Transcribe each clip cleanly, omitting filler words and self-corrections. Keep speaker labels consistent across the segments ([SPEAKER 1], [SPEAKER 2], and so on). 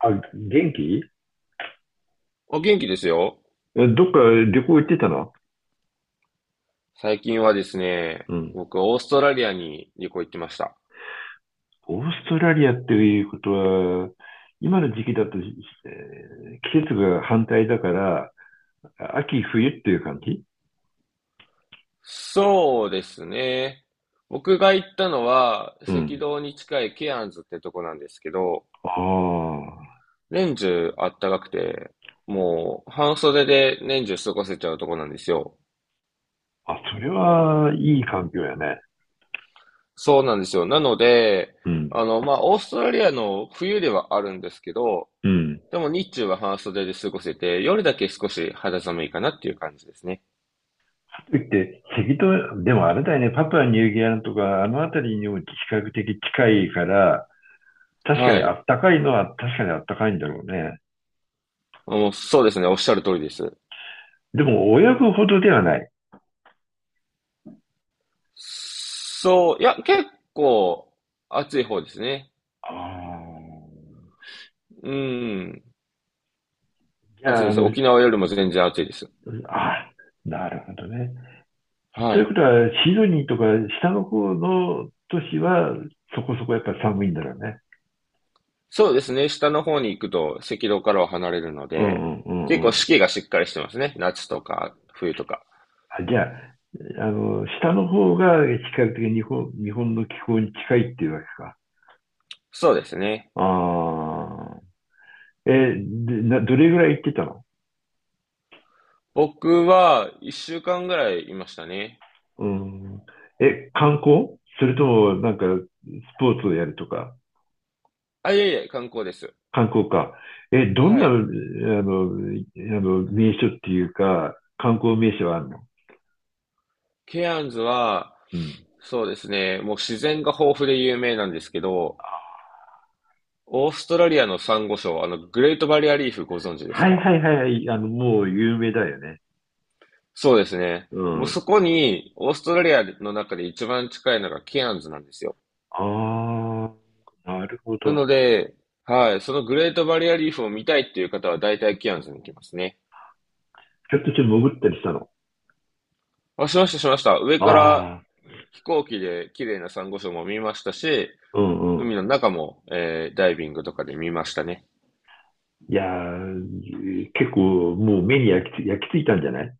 [SPEAKER 1] あ、元気？
[SPEAKER 2] お元気ですよ。
[SPEAKER 1] どっか旅行行ってたの？
[SPEAKER 2] 最近はですね、
[SPEAKER 1] うん。
[SPEAKER 2] 僕、オーストラリアに旅行行ってました。
[SPEAKER 1] オーストラリアっていうことは、今の時期だと、季節が反対だから、秋冬っていう感じ？
[SPEAKER 2] そうですね。僕が行ったのは、
[SPEAKER 1] う
[SPEAKER 2] 赤
[SPEAKER 1] ん。
[SPEAKER 2] 道に近いケアンズってとこなんですけど、
[SPEAKER 1] あ
[SPEAKER 2] 年中あったかくて、もう半袖で年中過ごせちゃうとこなんですよ。
[SPEAKER 1] あ。あ、それはいい環境やね。
[SPEAKER 2] そうなんですよ。なので、
[SPEAKER 1] うん。
[SPEAKER 2] まあ、オーストラリアの冬ではあるんですけど、
[SPEAKER 1] うん。
[SPEAKER 2] でも日中は半袖で過ごせて、夜だけ少し肌寒いかなっていう感じですね。
[SPEAKER 1] かといって、赤道、でもあれだよね、パプアニューギニアとか、あの辺りにも比較的近いから、確か
[SPEAKER 2] は
[SPEAKER 1] にあ
[SPEAKER 2] い。
[SPEAKER 1] ったかいのは確かにあったかいんだろうね。
[SPEAKER 2] もうそうですね、おっしゃる通りです。
[SPEAKER 1] でも、親子ほどではない。
[SPEAKER 2] そう、いや、結構暑い方ですね。
[SPEAKER 1] ああ、
[SPEAKER 2] うん、
[SPEAKER 1] じ
[SPEAKER 2] 暑い
[SPEAKER 1] ゃあ、
[SPEAKER 2] です。沖縄よりも全然暑いです。
[SPEAKER 1] あ、なるほどね。と
[SPEAKER 2] は
[SPEAKER 1] いう
[SPEAKER 2] い。
[SPEAKER 1] ことは、シドニーとか下の方の都市はそこそこやっぱ寒いんだろうね。
[SPEAKER 2] そうですね、下の方に行くと赤道からは離れるの
[SPEAKER 1] う
[SPEAKER 2] で、
[SPEAKER 1] んうんう
[SPEAKER 2] 結
[SPEAKER 1] んう
[SPEAKER 2] 構四
[SPEAKER 1] ん。
[SPEAKER 2] 季がしっかりしてますね。夏とか冬とか。
[SPEAKER 1] あ、じゃあ、下の方が比較的日本の気候に近いっていうわけか。
[SPEAKER 2] そうですね。
[SPEAKER 1] ああ、でな、どれぐらい行ってたの？
[SPEAKER 2] 僕は一週間ぐらいいましたね。
[SPEAKER 1] うん。観光それともなんかスポーツをやるとか？
[SPEAKER 2] あ、いえいえ、観光です。
[SPEAKER 1] 観光か。どん
[SPEAKER 2] は
[SPEAKER 1] な、
[SPEAKER 2] い。
[SPEAKER 1] 名所っていうか、観光名所はあるの？
[SPEAKER 2] ケアンズは、
[SPEAKER 1] うん。
[SPEAKER 2] そうですね、もう自然が豊富で有名なんですけど、オーストラリアのサンゴ礁、グレートバリアリーフご存知です
[SPEAKER 1] はい
[SPEAKER 2] か？
[SPEAKER 1] はいはいはい。もう有名だよね。
[SPEAKER 2] そうですね。
[SPEAKER 1] う
[SPEAKER 2] もう
[SPEAKER 1] ん。
[SPEAKER 2] そこに、オーストラリアの中で一番近いのがケアンズなんですよ。
[SPEAKER 1] ああ、なるほ
[SPEAKER 2] な
[SPEAKER 1] ど。
[SPEAKER 2] ので、はい、そのグレートバリアリーフを見たいっていう方は大体ケアンズに行きますね。
[SPEAKER 1] ちょっと潜ったりしたの？
[SPEAKER 2] あ、しました、しました。上から
[SPEAKER 1] ああ、
[SPEAKER 2] 飛行機で綺麗なサンゴ礁も見ましたし、
[SPEAKER 1] うんう
[SPEAKER 2] 海
[SPEAKER 1] ん。
[SPEAKER 2] の中も、ダイビングとかで見ましたね。
[SPEAKER 1] いやー、結構もう目に焼き付いたんじゃない？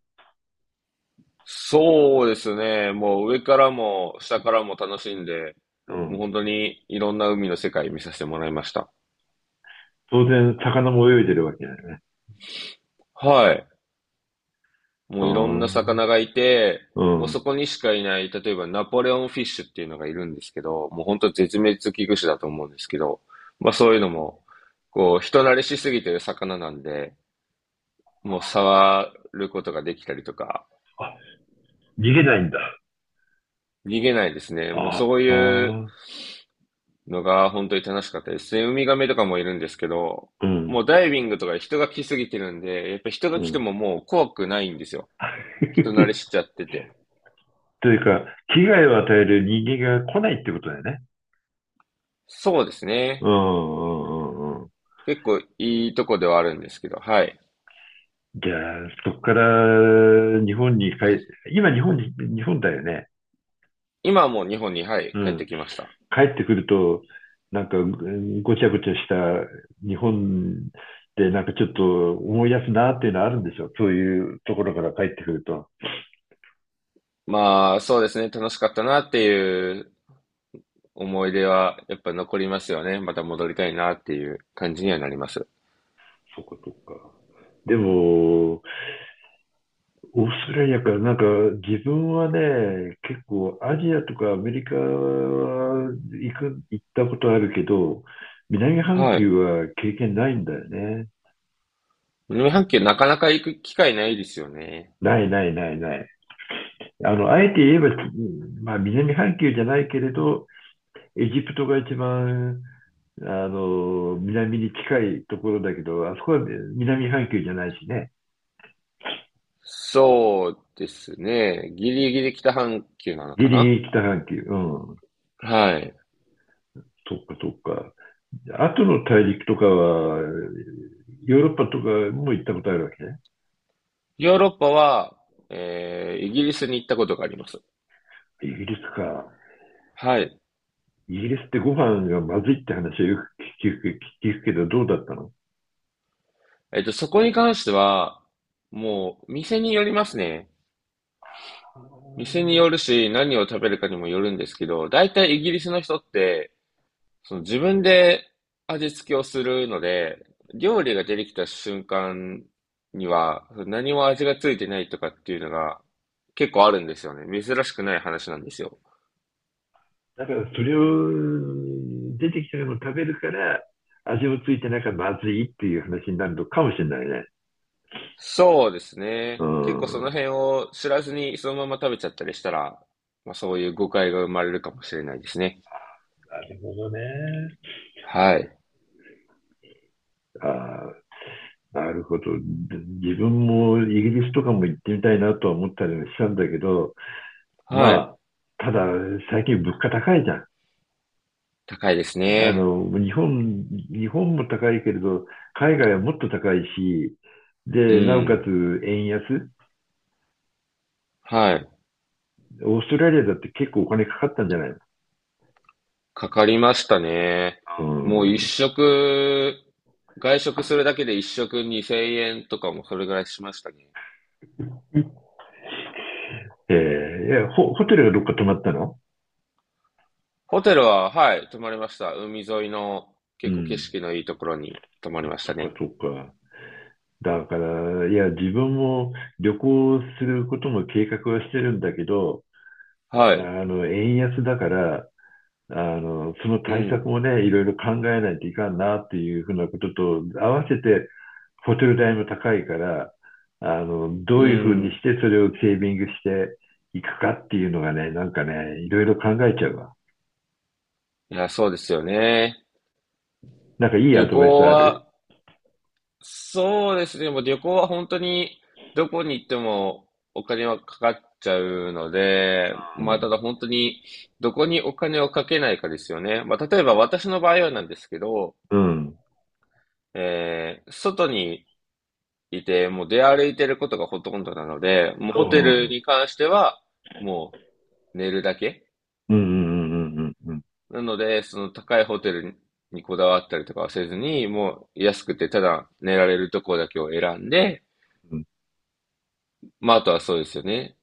[SPEAKER 2] そうですね。もう上からも下からも楽しんで、
[SPEAKER 1] う
[SPEAKER 2] もう
[SPEAKER 1] ん。
[SPEAKER 2] 本当にいろんな海の世界見させてもらいました。
[SPEAKER 1] 当然、魚も泳いでるわけだよね。
[SPEAKER 2] はい。も
[SPEAKER 1] あ
[SPEAKER 2] ういろんな
[SPEAKER 1] あ、
[SPEAKER 2] 魚がいて、
[SPEAKER 1] う
[SPEAKER 2] もう
[SPEAKER 1] ん。
[SPEAKER 2] そこにしかいない、例えばナポレオンフィッシュっていうのがいるんですけど、もう本当絶滅危惧種だと思うんですけど、まあそういうのも、こう人慣れしすぎてる魚なんで、もう触ることができたりとか、
[SPEAKER 1] あ、逃げないんだ。
[SPEAKER 2] 逃げないですね。もう
[SPEAKER 1] あ
[SPEAKER 2] そういう
[SPEAKER 1] あ、
[SPEAKER 2] のが本当に楽しかったですね。ウミガメとかもいるんですけど、
[SPEAKER 1] うん、
[SPEAKER 2] もうダイビングとか人が来すぎてるんで、やっぱ人
[SPEAKER 1] う
[SPEAKER 2] が来て
[SPEAKER 1] ん。
[SPEAKER 2] ももう怖くないんですよ。人慣れ しちゃってて。
[SPEAKER 1] というか、危害を与える人間が来ないってことだよね。
[SPEAKER 2] そうです
[SPEAKER 1] うんう
[SPEAKER 2] ね。
[SPEAKER 1] んうんうん。
[SPEAKER 2] 結構いいとこではあるんですけど、はい。
[SPEAKER 1] じゃあ、そこから日本に帰、今日本に、日本だよね。
[SPEAKER 2] 今はもう日本に、はい、
[SPEAKER 1] う
[SPEAKER 2] 帰っ
[SPEAKER 1] ん。
[SPEAKER 2] てきました。
[SPEAKER 1] 帰ってくると、なんかごちゃごちゃした日本でなんかちょっと思い出すなっていうのはあるんでしょ。そういうところから帰ってくると。
[SPEAKER 2] まあ、そうですね。楽しかったなっていう思い出はやっぱ残りますよね。また戻りたいなっていう感じにはなります。
[SPEAKER 1] そっかそっか。でも、オーストラリアか、なんか自分はね、結構アジアとかアメリカは行ったことあるけど、南半
[SPEAKER 2] は
[SPEAKER 1] 球
[SPEAKER 2] い。
[SPEAKER 1] は経験ないんだよね。
[SPEAKER 2] 南半球なかなか行く機会ないですよね。
[SPEAKER 1] ないないないない。あえて言えば、まあ南半球じゃないけれど、エジプトが一番、南に近いところだけど、あそこは南半球じゃないしね。
[SPEAKER 2] そうですね。ギリギリ北半球なの
[SPEAKER 1] ギ
[SPEAKER 2] か
[SPEAKER 1] リギ
[SPEAKER 2] な？
[SPEAKER 1] リ北半球。うん。
[SPEAKER 2] はい。
[SPEAKER 1] そっかそっか。後の大陸とかは、ヨーロッパとかも行ったことあるわけね。
[SPEAKER 2] ヨーロッパは、イギリスに行ったことがあります。
[SPEAKER 1] イギリスか。
[SPEAKER 2] はい。
[SPEAKER 1] イギリスってご飯がまずいって話はよく聞くけど、どうだったの？
[SPEAKER 2] えっと、そこに関しては、もう、店によりますね。店によるし、何を食べるかにもよるんですけど、大体イギリスの人って、その自分で味付けをするので、料理が出てきた瞬間には、何も味がついてないとかっていうのが結構あるんですよね。珍しくない話なんですよ。
[SPEAKER 1] だからそれを出てきたのを食べるから、味もついてなきゃまずいっていう話になるのかもしれないね。
[SPEAKER 2] そうです
[SPEAKER 1] う
[SPEAKER 2] ね。結
[SPEAKER 1] ん。
[SPEAKER 2] 構そ
[SPEAKER 1] な
[SPEAKER 2] の辺を知らずにそのまま食べちゃったりしたら、まあそういう誤解が生まれるかもしれないですね。
[SPEAKER 1] るほどね。
[SPEAKER 2] はい。
[SPEAKER 1] ああ、なるほど。自分もイギリスとかも行ってみたいなとは思ったりもしたんだけど、
[SPEAKER 2] はい。
[SPEAKER 1] まあ、ただ最近物価高いじゃん。
[SPEAKER 2] 高いですね。
[SPEAKER 1] 日本も高いけれど、海外はもっと高いし、
[SPEAKER 2] う
[SPEAKER 1] で、なおか
[SPEAKER 2] ん。
[SPEAKER 1] つ円安。
[SPEAKER 2] はい。
[SPEAKER 1] オーストラリアだって結構お金かかったんじゃないの？
[SPEAKER 2] かかりましたね。もう一食、外食するだけで一食2000円とかもそれぐらいしましたね。
[SPEAKER 1] うん。いやホテルがどっか泊まったの？
[SPEAKER 2] ホテルは、はい、泊まりました。海沿いの
[SPEAKER 1] う
[SPEAKER 2] 結構景
[SPEAKER 1] ん。
[SPEAKER 2] 色のいいところに泊まりました
[SPEAKER 1] そっ
[SPEAKER 2] ね。
[SPEAKER 1] かそっか。だから、いや、自分も旅行することも計画はしてるんだけど、
[SPEAKER 2] はい。
[SPEAKER 1] 円安だから、その
[SPEAKER 2] う
[SPEAKER 1] 対策
[SPEAKER 2] ん。
[SPEAKER 1] もね、いろいろ考えないといかんなっていうふうなことと、合わせてホテル代も高いから、ど
[SPEAKER 2] う
[SPEAKER 1] ういうふうに
[SPEAKER 2] ん。
[SPEAKER 1] してそれをセービングしていくかっていうのがね、なんかね、いろいろ考えちゃうわ。
[SPEAKER 2] いや、そうですよね。
[SPEAKER 1] なんかいい
[SPEAKER 2] 旅
[SPEAKER 1] アドバイス
[SPEAKER 2] 行
[SPEAKER 1] ある？
[SPEAKER 2] は、そうですね。でもう旅行は本当にどこに行ってもお金はかかっちゃうので、
[SPEAKER 1] う
[SPEAKER 2] まあ
[SPEAKER 1] ん。
[SPEAKER 2] ただ本当にどこにお金をかけないかですよね。まあ例えば私の場合はなんですけど、
[SPEAKER 1] うん。
[SPEAKER 2] 外にいてもう出歩いてることがほとんどなので、もうホテル
[SPEAKER 1] そ
[SPEAKER 2] に関してはもう寝るだけ。
[SPEAKER 1] う。うんうんうんうんうん
[SPEAKER 2] なので、その高いホテルにこだわったりとかはせずに、もう安くてただ寝られるところだけを選んで、
[SPEAKER 1] うん
[SPEAKER 2] まあ、あとはそうですよね。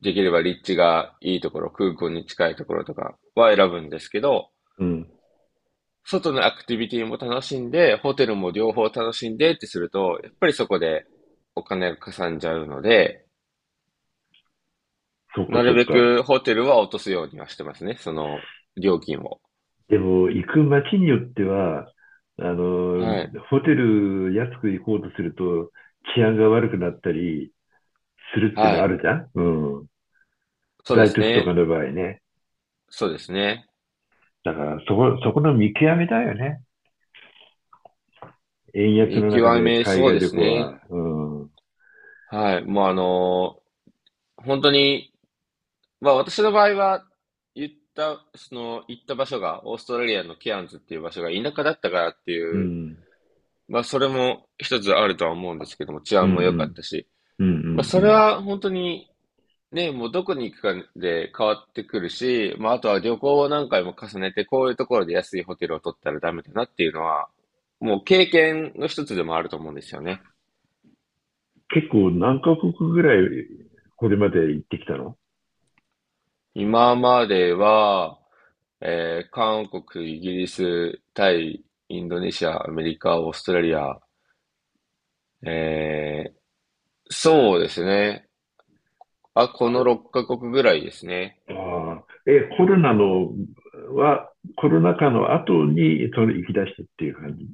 [SPEAKER 2] できれば立地がいいところ、空港に近いところとかは選ぶんですけど、
[SPEAKER 1] うん。
[SPEAKER 2] 外のアクティビティも楽しんで、ホテルも両方楽しんでってすると、やっぱりそこでお金がかさんじゃうので、
[SPEAKER 1] そっか
[SPEAKER 2] なる
[SPEAKER 1] そっ
[SPEAKER 2] べ
[SPEAKER 1] か。
[SPEAKER 2] くホテルは落とすようにはしてますね。その料金を。
[SPEAKER 1] でも、行く街によっては、あの、
[SPEAKER 2] はい。
[SPEAKER 1] ホテル安く行こうとすると治安が悪くなったり、するっていうの
[SPEAKER 2] は
[SPEAKER 1] はあ
[SPEAKER 2] い。
[SPEAKER 1] るじゃん。うん。
[SPEAKER 2] そう
[SPEAKER 1] 大
[SPEAKER 2] で
[SPEAKER 1] 都
[SPEAKER 2] す
[SPEAKER 1] 市とか
[SPEAKER 2] ね。
[SPEAKER 1] の場合ね。
[SPEAKER 2] そうですね。
[SPEAKER 1] だから、そこの見極めだよね。円安
[SPEAKER 2] 見
[SPEAKER 1] の中
[SPEAKER 2] 極
[SPEAKER 1] で
[SPEAKER 2] め、
[SPEAKER 1] 海
[SPEAKER 2] そう
[SPEAKER 1] 外
[SPEAKER 2] で
[SPEAKER 1] 旅
[SPEAKER 2] す
[SPEAKER 1] 行
[SPEAKER 2] ね。
[SPEAKER 1] は。うん。うん。
[SPEAKER 2] はい。もう本当にまあ私の場合は、言った、その、行った場所が、オーストラリアのケアンズっていう場所が田舎だったからって
[SPEAKER 1] う
[SPEAKER 2] いう、
[SPEAKER 1] ん
[SPEAKER 2] まあそれも一つあるとは思うんですけども、治
[SPEAKER 1] う
[SPEAKER 2] 安
[SPEAKER 1] ん。
[SPEAKER 2] も
[SPEAKER 1] う
[SPEAKER 2] 良かっ
[SPEAKER 1] ん
[SPEAKER 2] たし、
[SPEAKER 1] う
[SPEAKER 2] まあ
[SPEAKER 1] んう
[SPEAKER 2] それ
[SPEAKER 1] ん。
[SPEAKER 2] は本当に、ね、もうどこに行くかで変わってくるし、まああとは旅行を何回も重ねて、こういうところで安いホテルを取ったらダメだなっていうのは、もう経験の一つでもあると思うんですよね。
[SPEAKER 1] 結構何カ国ぐらいこれまで行ってきたの？
[SPEAKER 2] 今までは、韓国、イギリス、タイ、インドネシア、アメリカ、オーストラリア。えーそうですね。あ、こ
[SPEAKER 1] あ
[SPEAKER 2] の6カ国ぐらいですね。
[SPEAKER 1] あ。え、コロナのは、コロナ禍の後にそれ行き出したっていう感じ？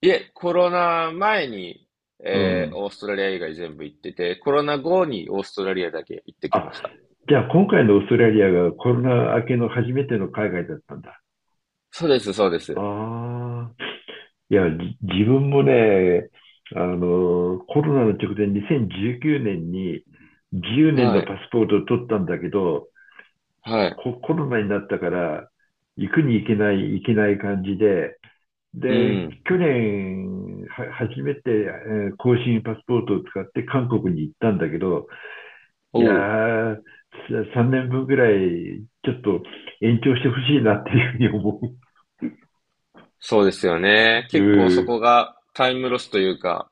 [SPEAKER 2] いえ、コロナ前に、
[SPEAKER 1] うん。
[SPEAKER 2] オーストラリア以外全部行ってて、コロナ後にオーストラリアだけ行ってき
[SPEAKER 1] あ、
[SPEAKER 2] ました。
[SPEAKER 1] じゃあ今回のオーストラリアがコロナ明けの初めての海外だったんだ。
[SPEAKER 2] そうです、そうです。
[SPEAKER 1] ああ。いや、自分もね、コロナの直前、2019年に10年
[SPEAKER 2] は
[SPEAKER 1] のパ
[SPEAKER 2] い、
[SPEAKER 1] スポートを取ったんだけど、
[SPEAKER 2] はい。
[SPEAKER 1] コロナになったから、行くに行けない、行けない感じで、
[SPEAKER 2] う
[SPEAKER 1] で、
[SPEAKER 2] ん。
[SPEAKER 1] 去年、は、初めて、更新パスポートを使って韓国に行ったんだけど、いや
[SPEAKER 2] おう。
[SPEAKER 1] ー、3年分ぐらい、ちょっと延長してほしいなっていうふうに思
[SPEAKER 2] そうですよね。
[SPEAKER 1] う。う
[SPEAKER 2] 結構そ
[SPEAKER 1] ん、
[SPEAKER 2] こがタイムロスというか、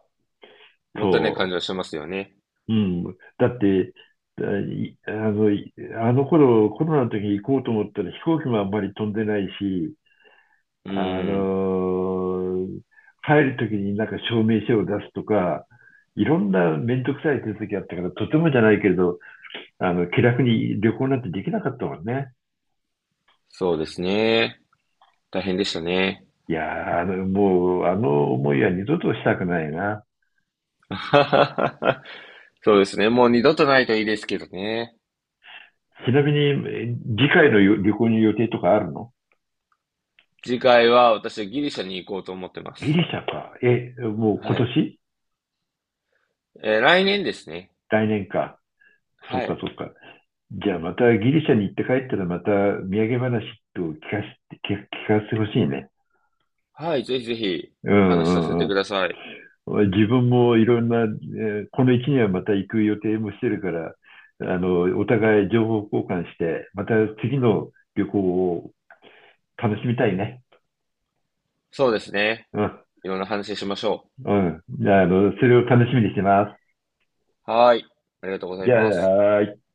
[SPEAKER 2] もったいない感じ
[SPEAKER 1] そ
[SPEAKER 2] は
[SPEAKER 1] う。
[SPEAKER 2] しますよね。
[SPEAKER 1] うん。だって、だいあの、いあの頃、コロナの時に行こうと思ったら飛行機もあんまり飛んでないし、
[SPEAKER 2] う
[SPEAKER 1] あ
[SPEAKER 2] ん。
[SPEAKER 1] のー帰る時になんか証明書を出すとか、いろんなめんどくさい手続きあったから、とてもじゃないけれど、気楽に旅行なんてできなかったもんね。
[SPEAKER 2] そうですね。大変でしたね。
[SPEAKER 1] いやー、もう、あの思いは二度としたくないな。
[SPEAKER 2] そうですね。もう二度とないといいですけどね。
[SPEAKER 1] ちなみに、次回の旅行に予定とかあるの？
[SPEAKER 2] 次回は私はギリシャに行こうと思ってま
[SPEAKER 1] ギリ
[SPEAKER 2] す。
[SPEAKER 1] シャか。もう今
[SPEAKER 2] はい。
[SPEAKER 1] 年？
[SPEAKER 2] 来年ですね。
[SPEAKER 1] 来年か。そ
[SPEAKER 2] は
[SPEAKER 1] うか、
[SPEAKER 2] い。
[SPEAKER 1] そうか。じゃあまたギリシャに行って帰ったらまた土産話と聞かせて、聞かせてほしいね。
[SPEAKER 2] はい。ぜひぜひ
[SPEAKER 1] う
[SPEAKER 2] 話させ
[SPEAKER 1] んう
[SPEAKER 2] てく
[SPEAKER 1] ん
[SPEAKER 2] ださい。
[SPEAKER 1] うん。自分もいろんな、この1年はまた行く予定もしてるから、お互い情報交換して、また次の旅行を楽しみたいね。
[SPEAKER 2] そうですね。
[SPEAKER 1] うん、
[SPEAKER 2] いろんな話しましょ
[SPEAKER 1] うん。じゃあ、それを楽しみにしてます。
[SPEAKER 2] う。はい。ありがとうござい
[SPEAKER 1] じゃあ、
[SPEAKER 2] ます。
[SPEAKER 1] はーい。